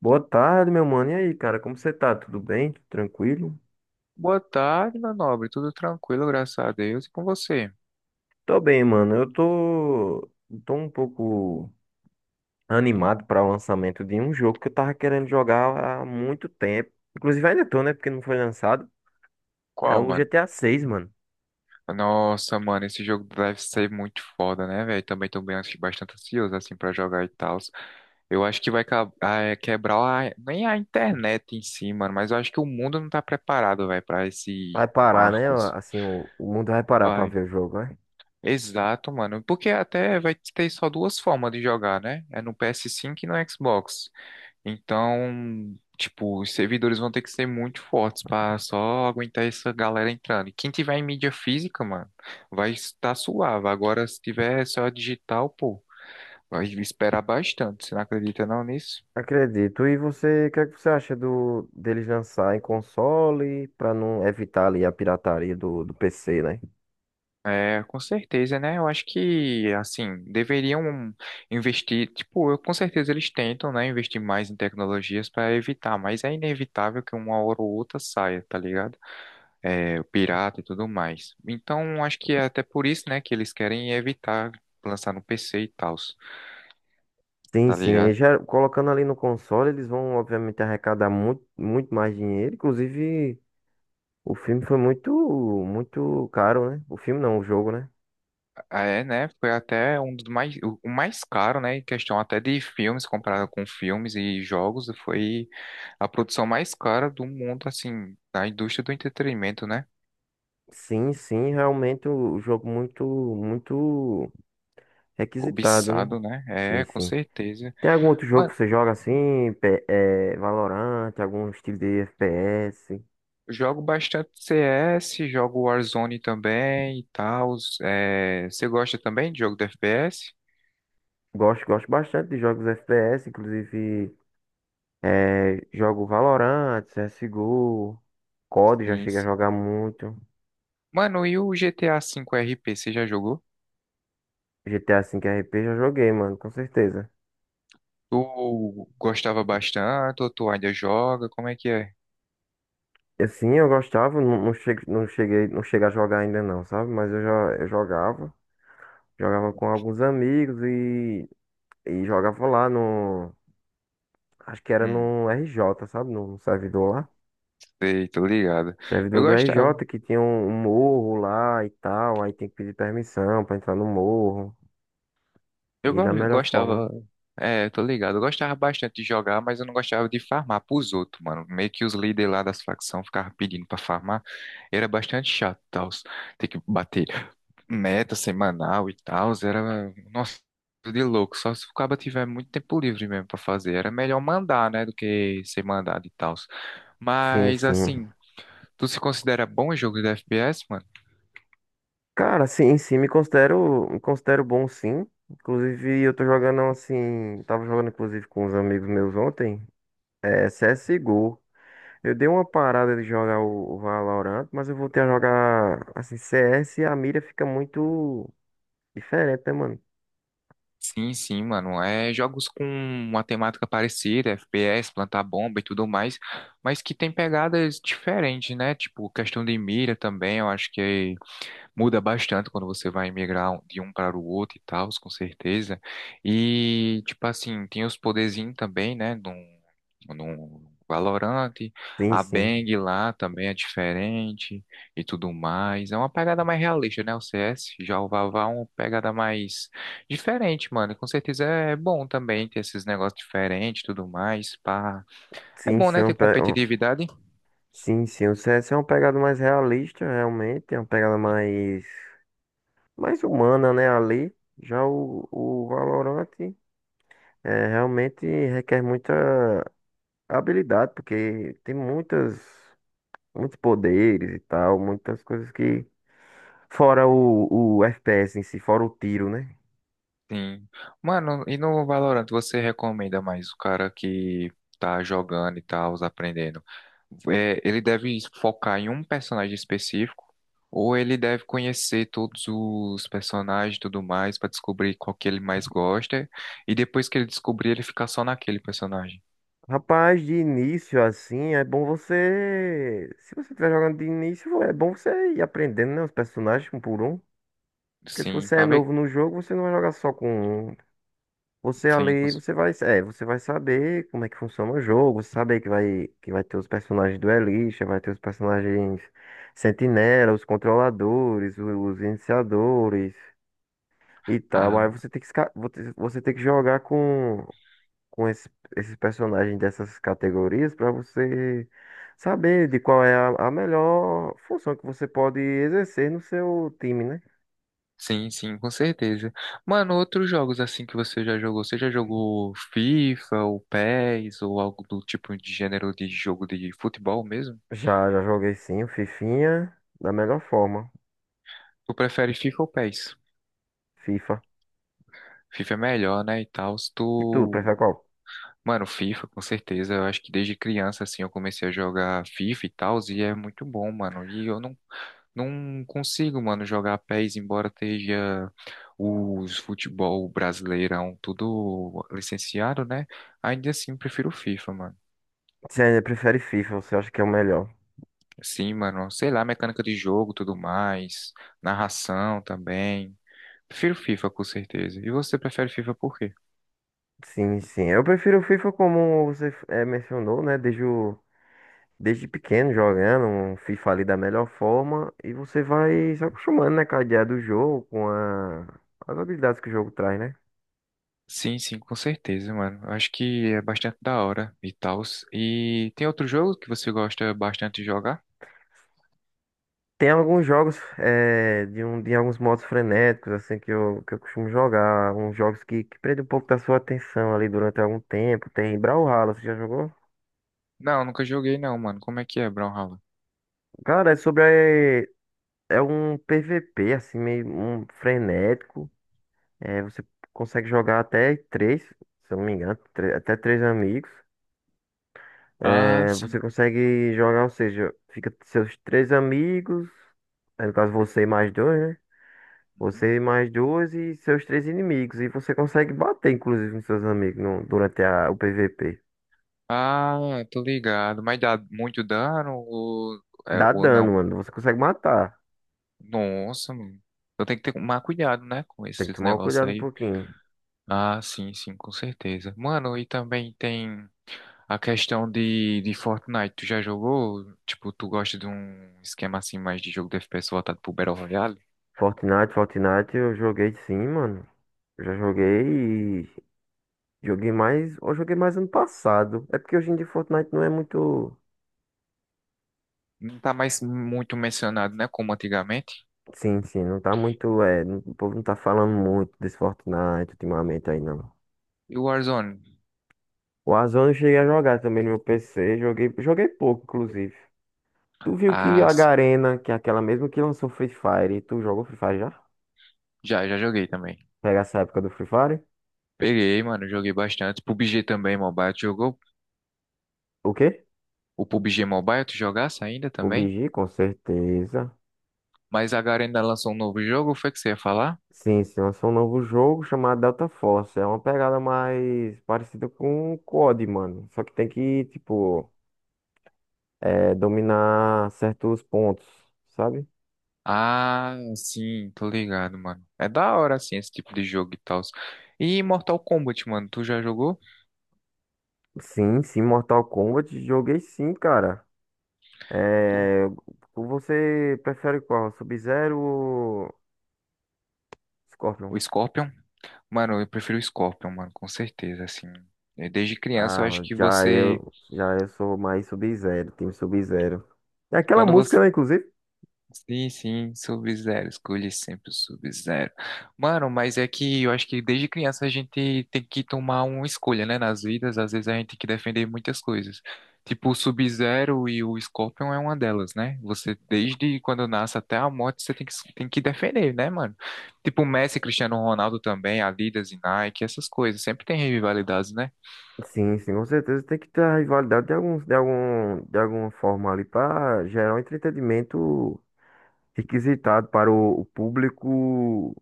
Boa tarde, meu mano. E aí, cara, como você tá? Tudo bem? Tranquilo? Boa tarde, meu nobre. Tudo tranquilo, graças a Deus. E com você? Tô bem, mano. Eu tô um pouco animado para o lançamento de um jogo que eu tava querendo jogar há muito tempo. Inclusive ainda tô, né? Porque não foi lançado. É Qual, o mano? GTA 6 mano. Nossa, mano, esse jogo deve ser muito foda, né, velho? Também tô bem, bastante ansioso, assim, pra jogar e tal. Eu acho que vai quebrar nem a internet em si, mano, mas eu acho que o mundo não tá preparado, velho, pra esse Vai parar, né? marco, assim. Assim, o mundo vai parar pra Vai. ver o jogo, né? Exato, mano, porque até vai ter só duas formas de jogar, né? É no PS5 e no Xbox. Então, tipo, os servidores vão ter que ser muito fortes para só aguentar essa galera entrando. E quem tiver em mídia física, mano, vai estar suave. Agora, se tiver só digital, pô, vai esperar bastante. Você não acredita não nisso? Acredito. E você, o que é que você acha do deles lançar em console para não evitar ali a pirataria do PC, né? É, com certeza, né? Eu acho que, assim, deveriam investir. Tipo, eu, com certeza eles tentam, né, investir mais em tecnologias para evitar, mas é inevitável que uma hora ou outra saia, tá ligado? É, o pirata e tudo mais. Então, acho que é até por isso, né, que eles querem evitar lançar no PC e tal, Sim, tá sim. E ligado? já colocando ali no console, eles vão obviamente arrecadar muito, muito mais dinheiro. Inclusive, o filme foi muito, muito caro, né? O filme não, o jogo, né? É, né, foi até um dos mais, o mais caro, né, em questão até de filmes, comparado com filmes e jogos, foi a produção mais cara do mundo, assim, da indústria do entretenimento, né? Sim, sim, realmente o jogo muito, muito requisitado, né? Cobiçado, né? Sim, É, com sim. certeza. Tem algum outro jogo Mano, que você joga assim, Valorant, algum estilo de FPS? jogo bastante CS, jogo Warzone também e tal. É, você gosta também de jogo de FPS? Gosto, gosto bastante de jogos FPS, inclusive jogo Valorant, CSGO, COD já Sim, cheguei a sim. jogar muito, Mano, e o GTA V RP, você já jogou? GTA V RP já joguei, mano, com certeza. Tu gostava bastante ou tu ainda joga? Como é que é? Assim, eu gostava, não, não, não cheguei a jogar ainda não, sabe? Mas eu já eu jogava. Jogava com alguns amigos e jogava lá no. Acho que era Hum, no RJ, sabe? No servidor lá. sei, tô ligado. Eu Servidor do gostava, RJ que tinha um morro lá e tal. Aí tem que pedir permissão pra entrar no morro. E da melhor gostava, forma. é, tô ligado. Eu gostava bastante de jogar, mas eu não gostava de farmar pros outros, mano. Meio que os líderes lá das facções ficavam pedindo pra farmar. Era bastante chato, tal. Ter que bater meta semanal e tal. Era, nossa, de louco. Só se o cara tiver muito tempo livre mesmo pra fazer. Era melhor mandar, né, do que ser mandado e tal. Sim, Mas sim. assim, tu se considera bom em jogos de FPS, mano? Cara, sim, sim, me considero bom sim. Inclusive, eu tô jogando assim. Tava jogando, inclusive, com uns amigos meus ontem. É CSGO. Eu dei uma parada de jogar o Valorant, mas eu voltei a jogar assim CS e a mira fica muito diferente, né, mano? Sim, sim, mano. É jogos com uma temática parecida, FPS, plantar bomba e tudo mais, mas que tem pegadas diferentes, né? Tipo, questão de mira também, eu acho que muda bastante quando você vai migrar de um para o outro e tal, com certeza. E, tipo assim, tem os poderzinhos também, né? No no Valorant, Sim, a sim. Bang lá também é diferente e tudo mais. É uma pegada mais realista, né? O CS, já o Vavá é uma pegada mais diferente, mano. E com certeza é bom também ter esses negócios diferentes e tudo mais. Pá. É Sim, bom, sim, né? Ter competitividade. sim, sim. O CS é uma pegada mais realista, realmente, é uma pegada mais humana, né, ali. Já o Valorant realmente requer muita habilidade, porque tem muitas muitos poderes e tal, muitas coisas que fora o FPS em si, fora o tiro, né? Sim. Mano, e no Valorant você recomenda mais o cara que tá jogando e tal, aprendendo? É, ele deve focar em um personagem específico ou ele deve conhecer todos os personagens e tudo mais pra descobrir qual que ele mais gosta e depois que ele descobrir ele ficar só naquele personagem? Rapaz, de início assim, é bom você. Se você estiver jogando de início, é bom você ir aprendendo, né, os personagens um por um. Porque se Sim, você é pra ver. novo no jogo, você não vai jogar só com um. Você Sim, ali, cons- você vai, você vai saber como é que funciona o jogo, você saber que vai ter os personagens duelistas, vai ter os personagens sentinela, os controladores, os iniciadores e tal. Aí você tem que, você tem que jogar com esses personagens dessas categorias para você saber de qual é a melhor função que você pode exercer no seu time, né? Sim, sim, com certeza. Mano, outros jogos assim que você já jogou FIFA ou PES ou algo do tipo de gênero de jogo de futebol mesmo? Já joguei sim, o Fifinha da melhor forma, Tu prefere FIFA ou PES? FIFA. FIFA é melhor, né, e tal. E tu, Tu prefere qual? mano, FIFA, com certeza. Eu acho que desde criança, assim, eu comecei a jogar FIFA e tal, e é muito bom, mano. E eu não, não consigo, mano, jogar pés, embora esteja os futebol brasileirão tudo licenciado, né? Ainda assim, prefiro FIFA, mano. Você ainda prefere FIFA, você acha que é o melhor? Sim, mano, sei lá, mecânica de jogo, tudo mais, narração também. Prefiro FIFA, com certeza. E você prefere FIFA por quê? Sim, sim. Eu prefiro o FIFA como você mencionou, né? Desde desde pequeno jogando um FIFA ali da melhor forma e você vai se acostumando, né, com a ideia do jogo, com as habilidades que o jogo traz, né? Sim, sim, com certeza, mano. Acho que é bastante da hora e tal. E tem outro jogo que você gosta bastante de jogar? Tem alguns jogos de alguns modos frenéticos, assim, que eu costumo jogar. Uns jogos que prendem um pouco da sua atenção ali durante algum tempo. Tem Brawlhalla, você já jogou? Não, nunca joguei não, mano. Como é que é, Brawlhalla? Cara, é sobre. é É um PVP, assim, meio um frenético. Você consegue jogar até três, se eu não me engano, até três amigos. Ah, Você sim. consegue jogar, ou seja, fica seus três amigos, no caso você e mais dois, né? Você e mais duas e seus três inimigos. E você consegue bater, inclusive, nos seus amigos durante o PVP. Ah, tô ligado. Mas dá muito dano ou, é, Dá ou dano, não? mano. Você consegue matar. Nossa, mano. Eu tenho que ter mais cuidado, né, com Tem que esses tomar um negócios cuidado um aí. pouquinho. Ah, sim, sim, com certeza. Mano, e também tem a questão de Fortnite, tu já jogou? Tipo, tu gosta de um esquema assim mais de jogo de FPS voltado pro Battle Royale? Fortnite, eu joguei sim, mano. Eu já joguei e joguei mais. Eu joguei mais ano passado. É porque hoje em dia Fortnite não é muito. Não tá mais muito mencionado, né? Como antigamente. Sim, sim, não tá muito. É, o povo não tá falando muito desse Fortnite ultimamente aí, não. E o Warzone? O Warzone eu cheguei a jogar também no meu PC. Joguei pouco, inclusive. Tu viu que Ah, a sim. Garena, que é aquela mesma que lançou Free Fire, tu jogou Free Fire já? Já, já joguei também. Pega essa época do Free Fire? Peguei, mano, joguei bastante. PUBG também, Mobile, tu jogou? O quê? O PUBG Mobile, tu jogasse ainda também? PUBG, com certeza. Mas agora ainda lançou um novo jogo, foi que você ia falar? Sim, sim, lançou um novo jogo chamado Delta Force. É uma pegada mais parecida com o COD, mano. Só que tem que, tipo, dominar certos pontos, sabe? Ah, sim, tô ligado, mano. É da hora, assim, esse tipo de jogo e tal. E Mortal Kombat, mano, tu já jogou? Sim, sim, Mortal Kombat, joguei sim, cara. Tu- É, você prefere qual? Sub-Zero ou o Scorpion? Scorpion? Mano, eu prefiro o Scorpion, mano, com certeza, assim. Eh, desde criança, eu acho Ah, que já você. eu, já eu sou mais Sub-Zero, time Sub-Zero. É aquela Quando você. música, né, inclusive? Sim, sim, Sub-Zero. Escolhe sempre o Sub-Zero. Mano, mas é que eu acho que desde criança a gente tem que tomar uma escolha, né? Nas vidas, às vezes a gente tem que defender muitas coisas. Tipo, o Sub-Zero e o Scorpion é uma delas, né? Você, desde quando nasce até a morte, você tem que defender, né, mano? Tipo, Messi, Cristiano Ronaldo também, Adidas e Nike, essas coisas. Sempre tem rivalidades, né? Sim, sim, com certeza tem que ter a rivalidade de algum, de alguma forma ali para gerar um entretenimento requisitado para o público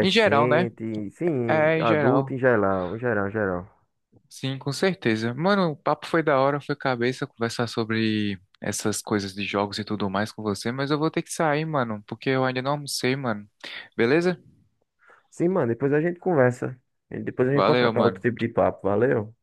Em geral, né? sim, É, em adulto geral. em geral, em geral, em geral. Sim, com certeza. Mano, o papo foi da hora, foi cabeça conversar sobre essas coisas de jogos e tudo mais com você, mas eu vou ter que sair, mano, porque eu ainda não almocei, mano. Beleza? Sim, mano, depois a gente conversa. E depois a gente pode Valeu, trocar outro mano. tipo de papo, valeu?